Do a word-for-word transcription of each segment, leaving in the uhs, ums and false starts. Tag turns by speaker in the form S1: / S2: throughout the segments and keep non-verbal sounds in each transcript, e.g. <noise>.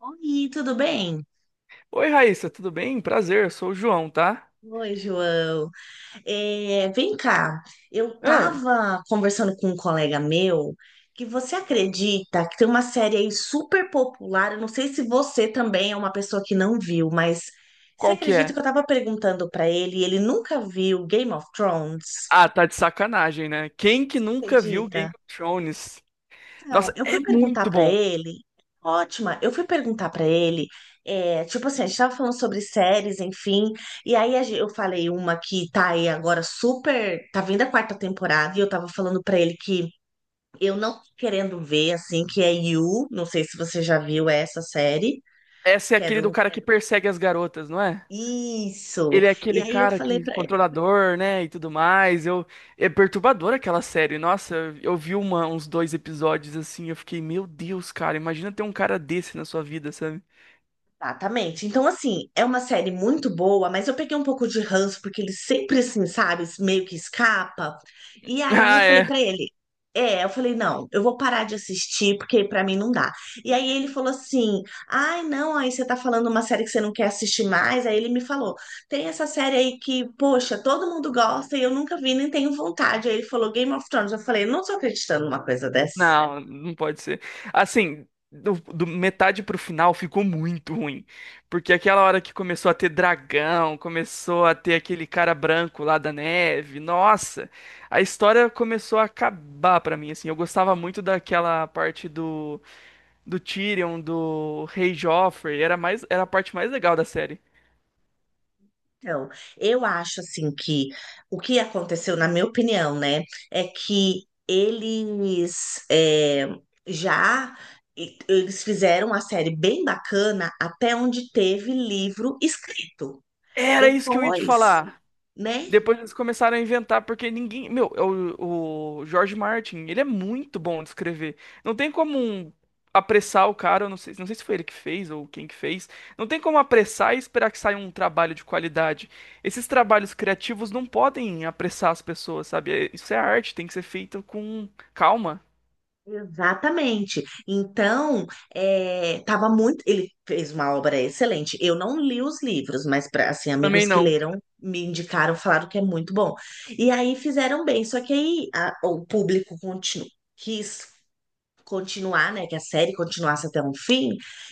S1: Oi, tudo bem?
S2: Oi, Raíssa, tudo bem? Prazer, eu sou o João, tá?
S1: Oi, João. É, vem cá, eu
S2: Ah,
S1: estava conversando com um colega meu que você acredita que tem uma série aí super popular. Eu não sei se você também é uma pessoa que não viu, mas você
S2: qual que
S1: acredita que
S2: é?
S1: eu estava perguntando para ele e ele nunca viu Game of Thrones?
S2: Ah, tá de sacanagem, né? Quem que nunca viu Game
S1: Acredita?
S2: of Thrones?
S1: Então,
S2: Nossa,
S1: eu
S2: é
S1: fui perguntar
S2: muito
S1: pra
S2: bom.
S1: ele. Ótima, eu fui perguntar pra ele, é, tipo assim, a gente tava falando sobre séries, enfim, e aí a gen- eu falei uma que tá aí agora super, tá vindo a quarta temporada, e eu tava falando pra ele que eu não tô querendo ver, assim, que é You, não sei se você já viu essa série,
S2: Essa é
S1: que é
S2: aquele do
S1: do...
S2: cara que persegue as garotas, não é?
S1: Isso!
S2: Ele é
S1: E
S2: aquele
S1: aí eu
S2: cara
S1: falei
S2: que
S1: pra.
S2: controlador, né, e tudo mais. Eu é perturbador aquela série. Nossa, eu eu vi uma- uns dois episódios assim, eu fiquei, meu Deus, cara, imagina ter um cara desse na sua vida, sabe? <laughs>
S1: Exatamente. Então, assim, é uma série muito boa, mas eu peguei um pouco de ranço, porque ele sempre, assim, sabe, meio que escapa. E aí eu
S2: Ah,
S1: falei
S2: é.
S1: pra ele, é, eu falei, não, eu vou parar de assistir, porque pra mim não dá. E aí ele falou assim, ai, não, aí você tá falando uma série que você não quer assistir mais. Aí ele me falou, tem essa série aí que, poxa, todo mundo gosta e eu nunca vi, nem tenho vontade. Aí ele falou Game of Thrones. Eu falei, não tô acreditando numa coisa dessa.
S2: Não, não pode ser. Assim, do, do metade pro final ficou muito ruim. Porque aquela hora que começou a ter dragão, começou a ter aquele cara branco lá da neve, nossa, a história começou a acabar pra mim, assim. Eu gostava muito daquela parte do, do Tyrion, do Rei Joffrey, era mais, era a parte mais legal da série.
S1: Então, eu acho assim que o que aconteceu, na minha opinião, né, é que eles é, já e- eles fizeram uma série bem bacana até onde teve livro escrito.
S2: Era isso que eu ia te
S1: Depois,
S2: falar.
S1: né?
S2: Depois eles começaram a inventar, porque ninguém. Meu, é o, o George Martin, ele é muito bom de escrever. Não tem como um- Apressar o cara, eu não sei, não sei se foi ele que fez ou quem que fez. Não tem como apressar e esperar que saia um trabalho de qualidade. Esses trabalhos criativos não podem apressar as pessoas, sabe? É- Isso é arte, tem que ser feito com calma.
S1: Exatamente. Então, é, tava muito. Ele fez uma obra excelente. Eu não li os livros, mas pra, assim,
S2: Também
S1: amigos que
S2: não.
S1: leram me indicaram, falaram que é muito bom. E aí fizeram bem. Só que aí a- o público continu, quis continuar, né, que a série continuasse até um fim,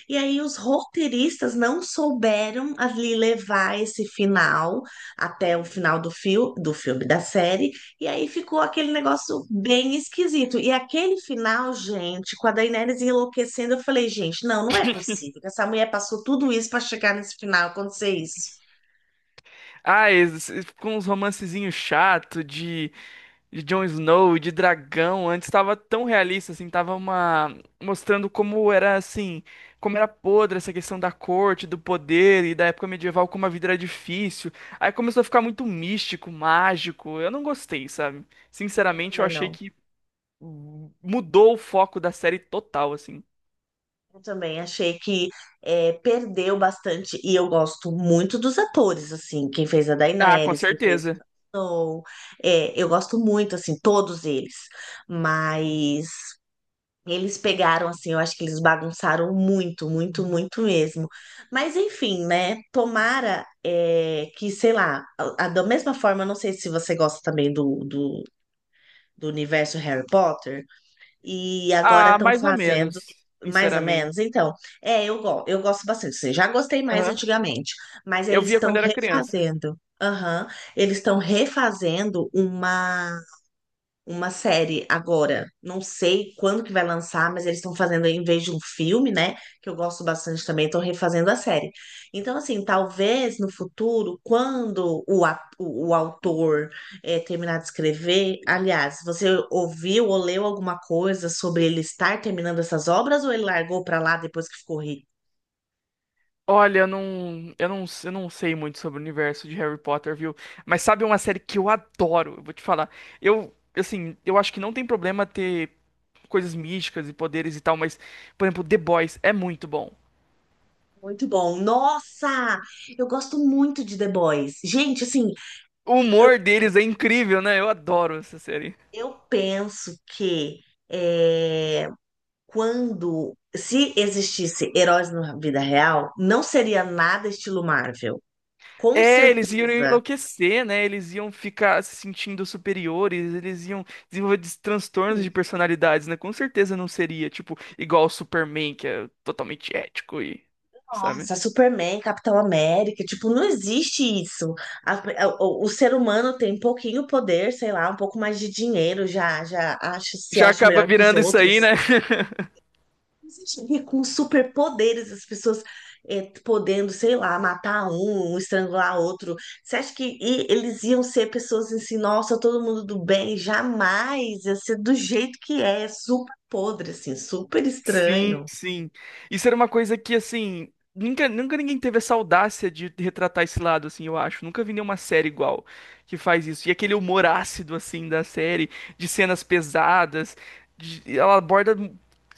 S1: e aí os roteiristas não souberam ali levar esse final até o final do fio, do filme da série, e aí ficou aquele negócio bem esquisito. E aquele final, gente, com a Daenerys enlouquecendo, eu falei, gente, não, não é possível que essa mulher passou tudo isso para chegar nesse final, acontecer isso.
S2: Ah, esses- com uns romancezinhos chato de de Jon Snow, de dragão, antes estava tão realista, assim, tava uma mostrando como era, assim, como era podre essa questão da corte, do poder e da época medieval, como a vida era difícil. Aí começou a ficar muito místico, mágico, eu não gostei, sabe?
S1: Eu
S2: Sinceramente, eu
S1: também
S2: achei
S1: não.
S2: que hum, mudou o foco da série total, assim.
S1: Eu também achei que é, perdeu bastante, e eu gosto muito dos atores, assim, quem fez a
S2: Ah, com
S1: Daenerys, quem fez o
S2: certeza.
S1: Jon Snow, é, eu gosto muito, assim, todos eles, mas eles pegaram, assim, eu acho que eles bagunçaram muito, muito, muito mesmo. Mas enfim, né, tomara é, que, sei lá, a- a- da mesma forma, eu não sei se você gosta também do, do do universo Harry Potter, e agora
S2: Ah,
S1: estão
S2: mais ou
S1: fazendo
S2: menos,
S1: mais ou
S2: sinceramente.
S1: menos. Então, é, eu, go- eu gosto bastante. Assim, já gostei mais
S2: Aham.
S1: antigamente, mas
S2: Eu
S1: eles
S2: via quando
S1: estão
S2: era criança.
S1: refazendo. Aham, eles estão refazendo uma uma série agora. Não sei quando que vai lançar, mas eles estão fazendo em vez de um filme, né? Que eu gosto bastante também, estão refazendo a série. Então, assim, talvez no futuro, quando o, a- o, o autor eh, terminar de escrever, aliás, você ouviu ou leu alguma coisa sobre ele estar terminando essas obras ou ele largou pra lá depois que ficou rico?
S2: Olha, eu não, eu não, eu não sei muito sobre o universo de Harry Potter, viu? Mas sabe uma série que eu adoro? Eu vou te falar. Eu, assim, eu acho que não tem problema ter coisas místicas e poderes e tal, mas, por exemplo, The Boys é muito bom.
S1: Muito bom. Nossa, eu gosto muito de The Boys. Gente, assim,
S2: O humor deles é incrível, né? Eu adoro essa série.
S1: eu penso que quando, se existisse heróis na vida real, não seria nada estilo Marvel. Com
S2: É, eles iam
S1: certeza.
S2: enlouquecer, né? Eles iam ficar se sentindo superiores, eles iam desenvolver des- transtornos de personalidades, né? Com certeza não seria, tipo, igual o Superman, que é totalmente ético e, sabe?
S1: Nossa, Superman, Capitão América, tipo, não existe isso. A- a- o, o ser humano tem um pouquinho poder, sei lá, um pouco mais de dinheiro, já, já acha, se
S2: Já
S1: acha
S2: acaba
S1: melhor que os
S2: virando isso aí,
S1: outros.
S2: né? <laughs>
S1: Existiria com superpoderes, as pessoas é, podendo, sei lá, matar um, um, estrangular outro. Você acha que e- eles iam ser pessoas assim, nossa, todo mundo do bem? Jamais, ia ser do jeito que é, é super podre, assim, super
S2: Sim,
S1: estranho.
S2: sim. Isso era uma coisa que, assim, nunca, nunca ninguém teve essa audácia de retratar esse lado, assim, eu acho. Nunca vi nenhuma série igual que faz isso. E aquele humor ácido, assim, da série, de cenas pesadas, de- ela aborda,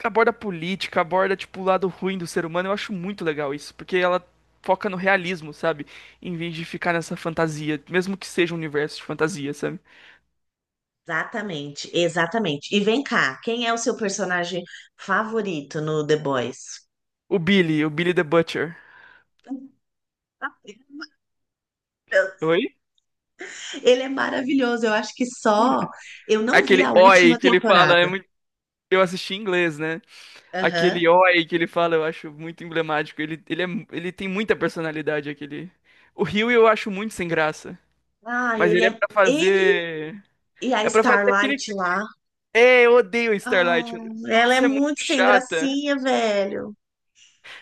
S2: aborda política, aborda, tipo, o lado ruim do ser humano. Eu acho muito legal isso, porque ela foca no realismo, sabe? Em vez de ficar nessa fantasia, mesmo que seja um universo de fantasia, sabe?
S1: Exatamente, exatamente. E vem cá, quem é o seu personagem favorito no The Boys?
S2: O Billy, o Billy the Butcher.
S1: <laughs> Ele é maravilhoso, eu acho que só. Eu não vi
S2: Aquele
S1: a
S2: oi
S1: última
S2: que ele fala, é
S1: temporada.
S2: muito, eu assisti em inglês, né?
S1: Aham.
S2: Aquele oi que ele fala, eu acho muito emblemático. Ele, ele, é... ele tem muita personalidade, aquele. O Rio eu acho muito sem graça.
S1: Ah,
S2: Mas
S1: ele
S2: ele é
S1: é.
S2: pra
S1: Ele.
S2: fazer.
S1: E a
S2: É pra fazer aquele.
S1: Starlight lá.
S2: É, eu odeio
S1: Ah,
S2: Starlight.
S1: ela é
S2: Nossa, é muito
S1: muito sem
S2: chata.
S1: gracinha, velho.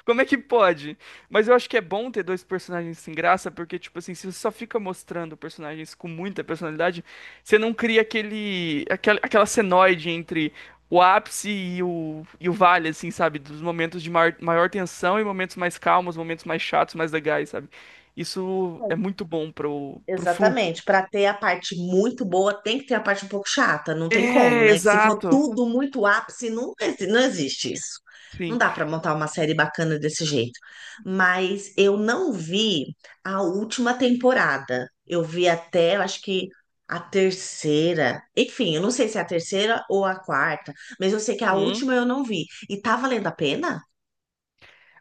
S2: Como é que pode? Mas eu acho que é bom ter dois personagens sem graça, porque, tipo assim, se você só fica mostrando personagens com muita personalidade, você não cria aquele, aquela, aquela senoide entre o ápice e o, e o vale, assim, sabe? Dos momentos de maior, maior tensão e momentos mais calmos, momentos mais chatos, mais legais, sabe? Isso é muito bom pro, pro fluxo.
S1: Exatamente. Para ter a parte muito boa, tem que ter a parte um pouco chata. Não tem como,
S2: É,
S1: né? Se for
S2: exato.
S1: tudo muito ápice, não, exi- não existe isso. Não
S2: Sim.
S1: dá para montar uma série bacana desse jeito. Mas eu não vi a última temporada. Eu vi até, eu acho que a terceira. Enfim, eu não sei se é a terceira ou a quarta, mas eu sei que a
S2: Uhum.
S1: última eu não vi. E tá valendo a pena?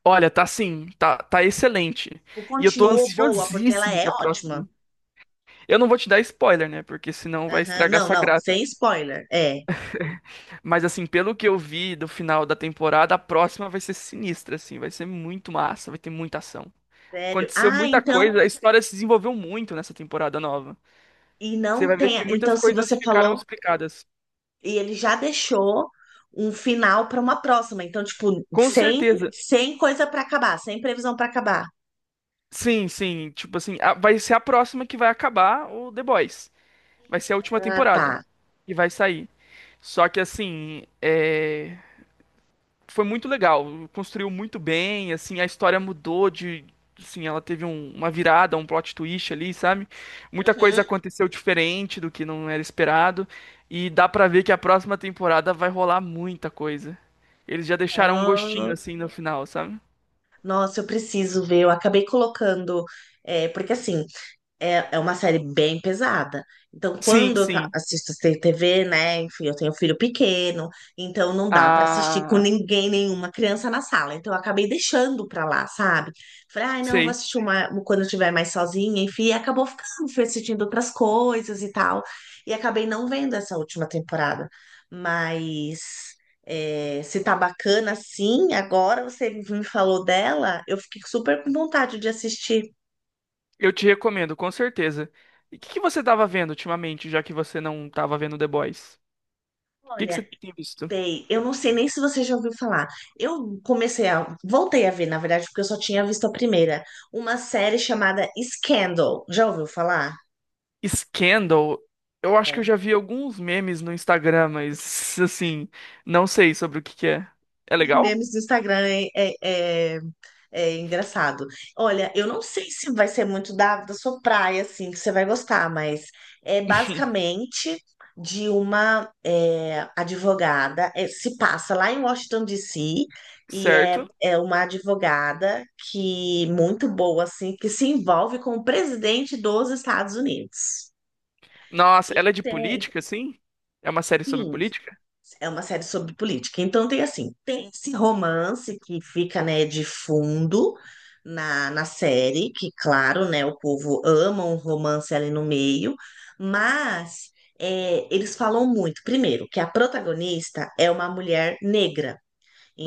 S2: Olha, tá sim, tá, tá excelente.
S1: O
S2: E eu tô
S1: continuou boa, porque ela
S2: ansiosíssimo
S1: é
S2: pra
S1: ótima.
S2: próxima. Eu não vou te dar spoiler, né? Porque senão vai
S1: Aham,
S2: estragar
S1: não,
S2: sua
S1: não,
S2: graça.
S1: sem spoiler. É,
S2: Mas assim, pelo que eu vi do final da temporada, a próxima vai ser sinistra, assim, vai ser muito massa, vai ter muita ação.
S1: sério.
S2: Aconteceu
S1: Ah,
S2: muita
S1: então,
S2: coisa, a história se desenvolveu muito nessa temporada nova.
S1: e
S2: Você
S1: não
S2: vai ver
S1: tem.
S2: que muitas
S1: Então, se
S2: coisas
S1: você
S2: ficaram
S1: falou,
S2: explicadas.
S1: e ele já deixou um final para uma próxima. Então, tipo,
S2: Com
S1: sem,
S2: certeza.
S1: sem coisa para acabar, sem previsão para acabar.
S2: Sim, sim, tipo assim, a- vai ser a próxima que vai acabar o The Boys. Vai ser a última
S1: Ah,
S2: temporada
S1: tá.
S2: que vai sair. Só que assim, é... foi muito legal, construiu muito bem, assim, a história mudou de, assim, ela teve um- uma virada, um plot twist ali, sabe? Muita coisa
S1: Uhum.
S2: aconteceu diferente do que não era esperado e dá pra ver que a próxima temporada vai rolar muita coisa. Eles já deixaram um gostinho
S1: Ah,
S2: assim no final, sabe?
S1: nossa, eu preciso ver. Eu acabei colocando. É, porque assim, é, é uma série bem pesada. Então,
S2: Sim,
S1: quando eu ta-
S2: sim.
S1: assisto sem T V, né? Enfim, eu tenho filho pequeno, então não dá pra assistir com
S2: Ah,
S1: ninguém, nenhuma criança na sala. Então, eu acabei deixando pra lá, sabe? Falei, ai, não, eu vou
S2: sei.
S1: assistir uma quando eu estiver mais sozinha, enfim, e acabou ficando, fui assistindo outras coisas e tal. E acabei não vendo essa última temporada. Mas é, se tá bacana assim, agora você me falou dela, eu fiquei super com vontade de assistir.
S2: Eu te recomendo, com certeza. E o que que você tava vendo ultimamente, já que você não tava vendo The Boys? O que que você
S1: Olha,
S2: tem visto?
S1: tem. Eu não sei nem se você já ouviu falar. Eu comecei a. Voltei a ver, na verdade, porque eu só tinha visto a primeira. Uma série chamada Scandal. Já ouviu falar?
S2: Scandal, eu acho que eu
S1: É.
S2: já vi alguns memes no Instagram, mas assim, não sei sobre o que que é. É legal?
S1: Memes do Instagram é, é- é engraçado. Olha, eu não sei se vai ser muito da, da sua praia, assim, que você vai gostar, mas é
S2: <laughs>
S1: basicamente de uma é, advogada, é, se passa lá em Washington, D C, e é,
S2: Certo.
S1: é uma advogada que muito boa, assim, que se envolve com o presidente dos Estados Unidos.
S2: Nossa,
S1: E
S2: ela é de
S1: tem,
S2: política, assim? É uma série sobre
S1: sim,
S2: política?
S1: é uma série sobre política. Então tem assim, tem esse romance que fica, né, de fundo na, na série, que claro, né, o povo ama um romance ali no meio, mas é, eles falam muito, primeiro, que a protagonista é uma mulher negra.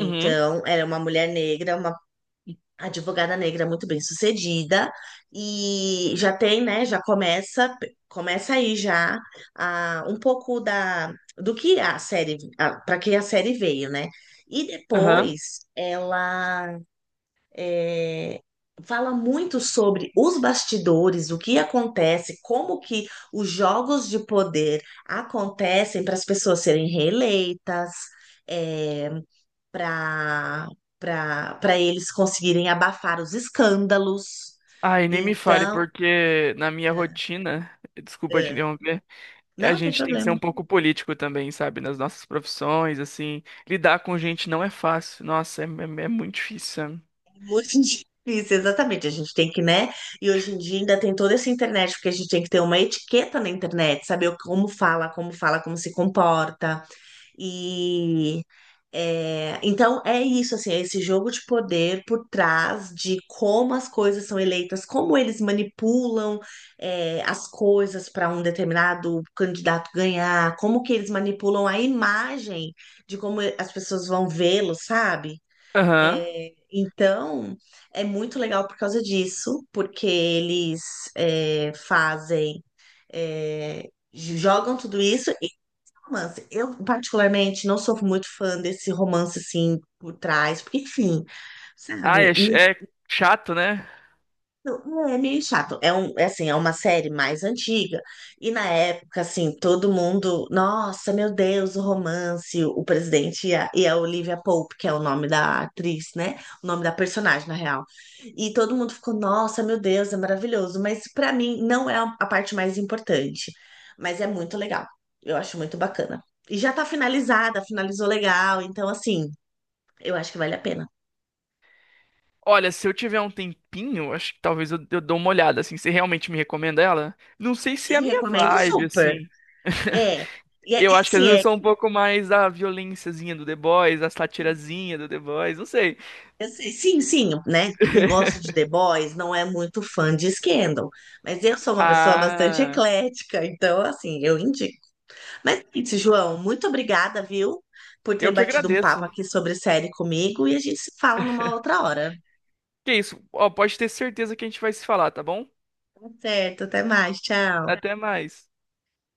S2: Uhum.
S1: ela é uma mulher negra, uma a advogada negra muito bem sucedida e já tem, né, já começa, começa aí já ah, um pouco da do que a série, para que a série veio, né? E
S2: Aham.
S1: depois ela eh, fala muito sobre os bastidores, o que acontece, como que os jogos de poder acontecem para as pessoas serem reeleitas. É, para para para eles conseguirem abafar os escândalos.
S2: Ai, nem me fale,
S1: Então,
S2: porque na minha rotina, desculpa de
S1: é,
S2: interromper, a
S1: não tem
S2: gente tem que ser
S1: problema.
S2: um pouco político também, sabe? Nas nossas profissões, assim. Lidar com gente não é fácil. Nossa, é, é- é muito difícil, sabe?
S1: Muito <laughs> difícil, exatamente. A gente tem que, né? E hoje em dia ainda tem toda essa internet, porque a gente tem que ter uma etiqueta na internet, saber o- como fala, como fala, como se comporta. E é, então é isso, assim, é esse jogo de poder por trás de como as coisas são eleitas, como eles manipulam é, as coisas para um determinado candidato ganhar, como que eles manipulam a imagem de como as pessoas vão vê-lo, sabe?
S2: Aham.
S1: É, então é muito legal por causa disso, porque eles é, fazem. É, jogam tudo isso romance. Eu, particularmente, não sou muito fã desse romance assim por trás, porque, enfim,
S2: Ah,
S1: sabe?
S2: é, ch- é chato, né?
S1: Não, é meio chato. É um, é assim, é uma série mais antiga. E na época, assim, todo mundo, nossa, meu Deus, o romance, o presidente e a, e a Olivia Pope, que é o nome da atriz, né? O nome da personagem, na real. E todo mundo ficou, nossa, meu Deus, é maravilhoso. Mas pra mim não é a parte mais importante. Mas é muito legal. Eu acho muito bacana. E já tá finalizada, finalizou legal. Então, assim, eu acho que vale a pena.
S2: Olha, se eu tiver um tempinho, acho que talvez eu, eu dou uma olhada, assim. Você realmente me recomenda ela? Não sei se é
S1: Eu
S2: a minha
S1: recomendo
S2: vibe,
S1: super.
S2: assim. <laughs>
S1: É. E é,
S2: Eu acho que às
S1: assim,
S2: vezes eu sou um pouco mais da violênciazinha do The Boys, a satirazinha do The Boys, não sei.
S1: eu sei, sim, sim, né? Quem gosta de The Boys não é muito fã de Scandal, mas eu sou uma pessoa bastante
S2: Ah,
S1: eclética, então, assim, eu indico. Mas é isso, João, muito obrigada, viu, por ter
S2: eu que
S1: batido um papo
S2: agradeço.
S1: aqui sobre série comigo e a gente se fala numa outra hora.
S2: Que isso? Ó, pode ter certeza que a gente vai se falar, tá bom?
S1: Tá certo, até mais, tchau.
S2: Até mais.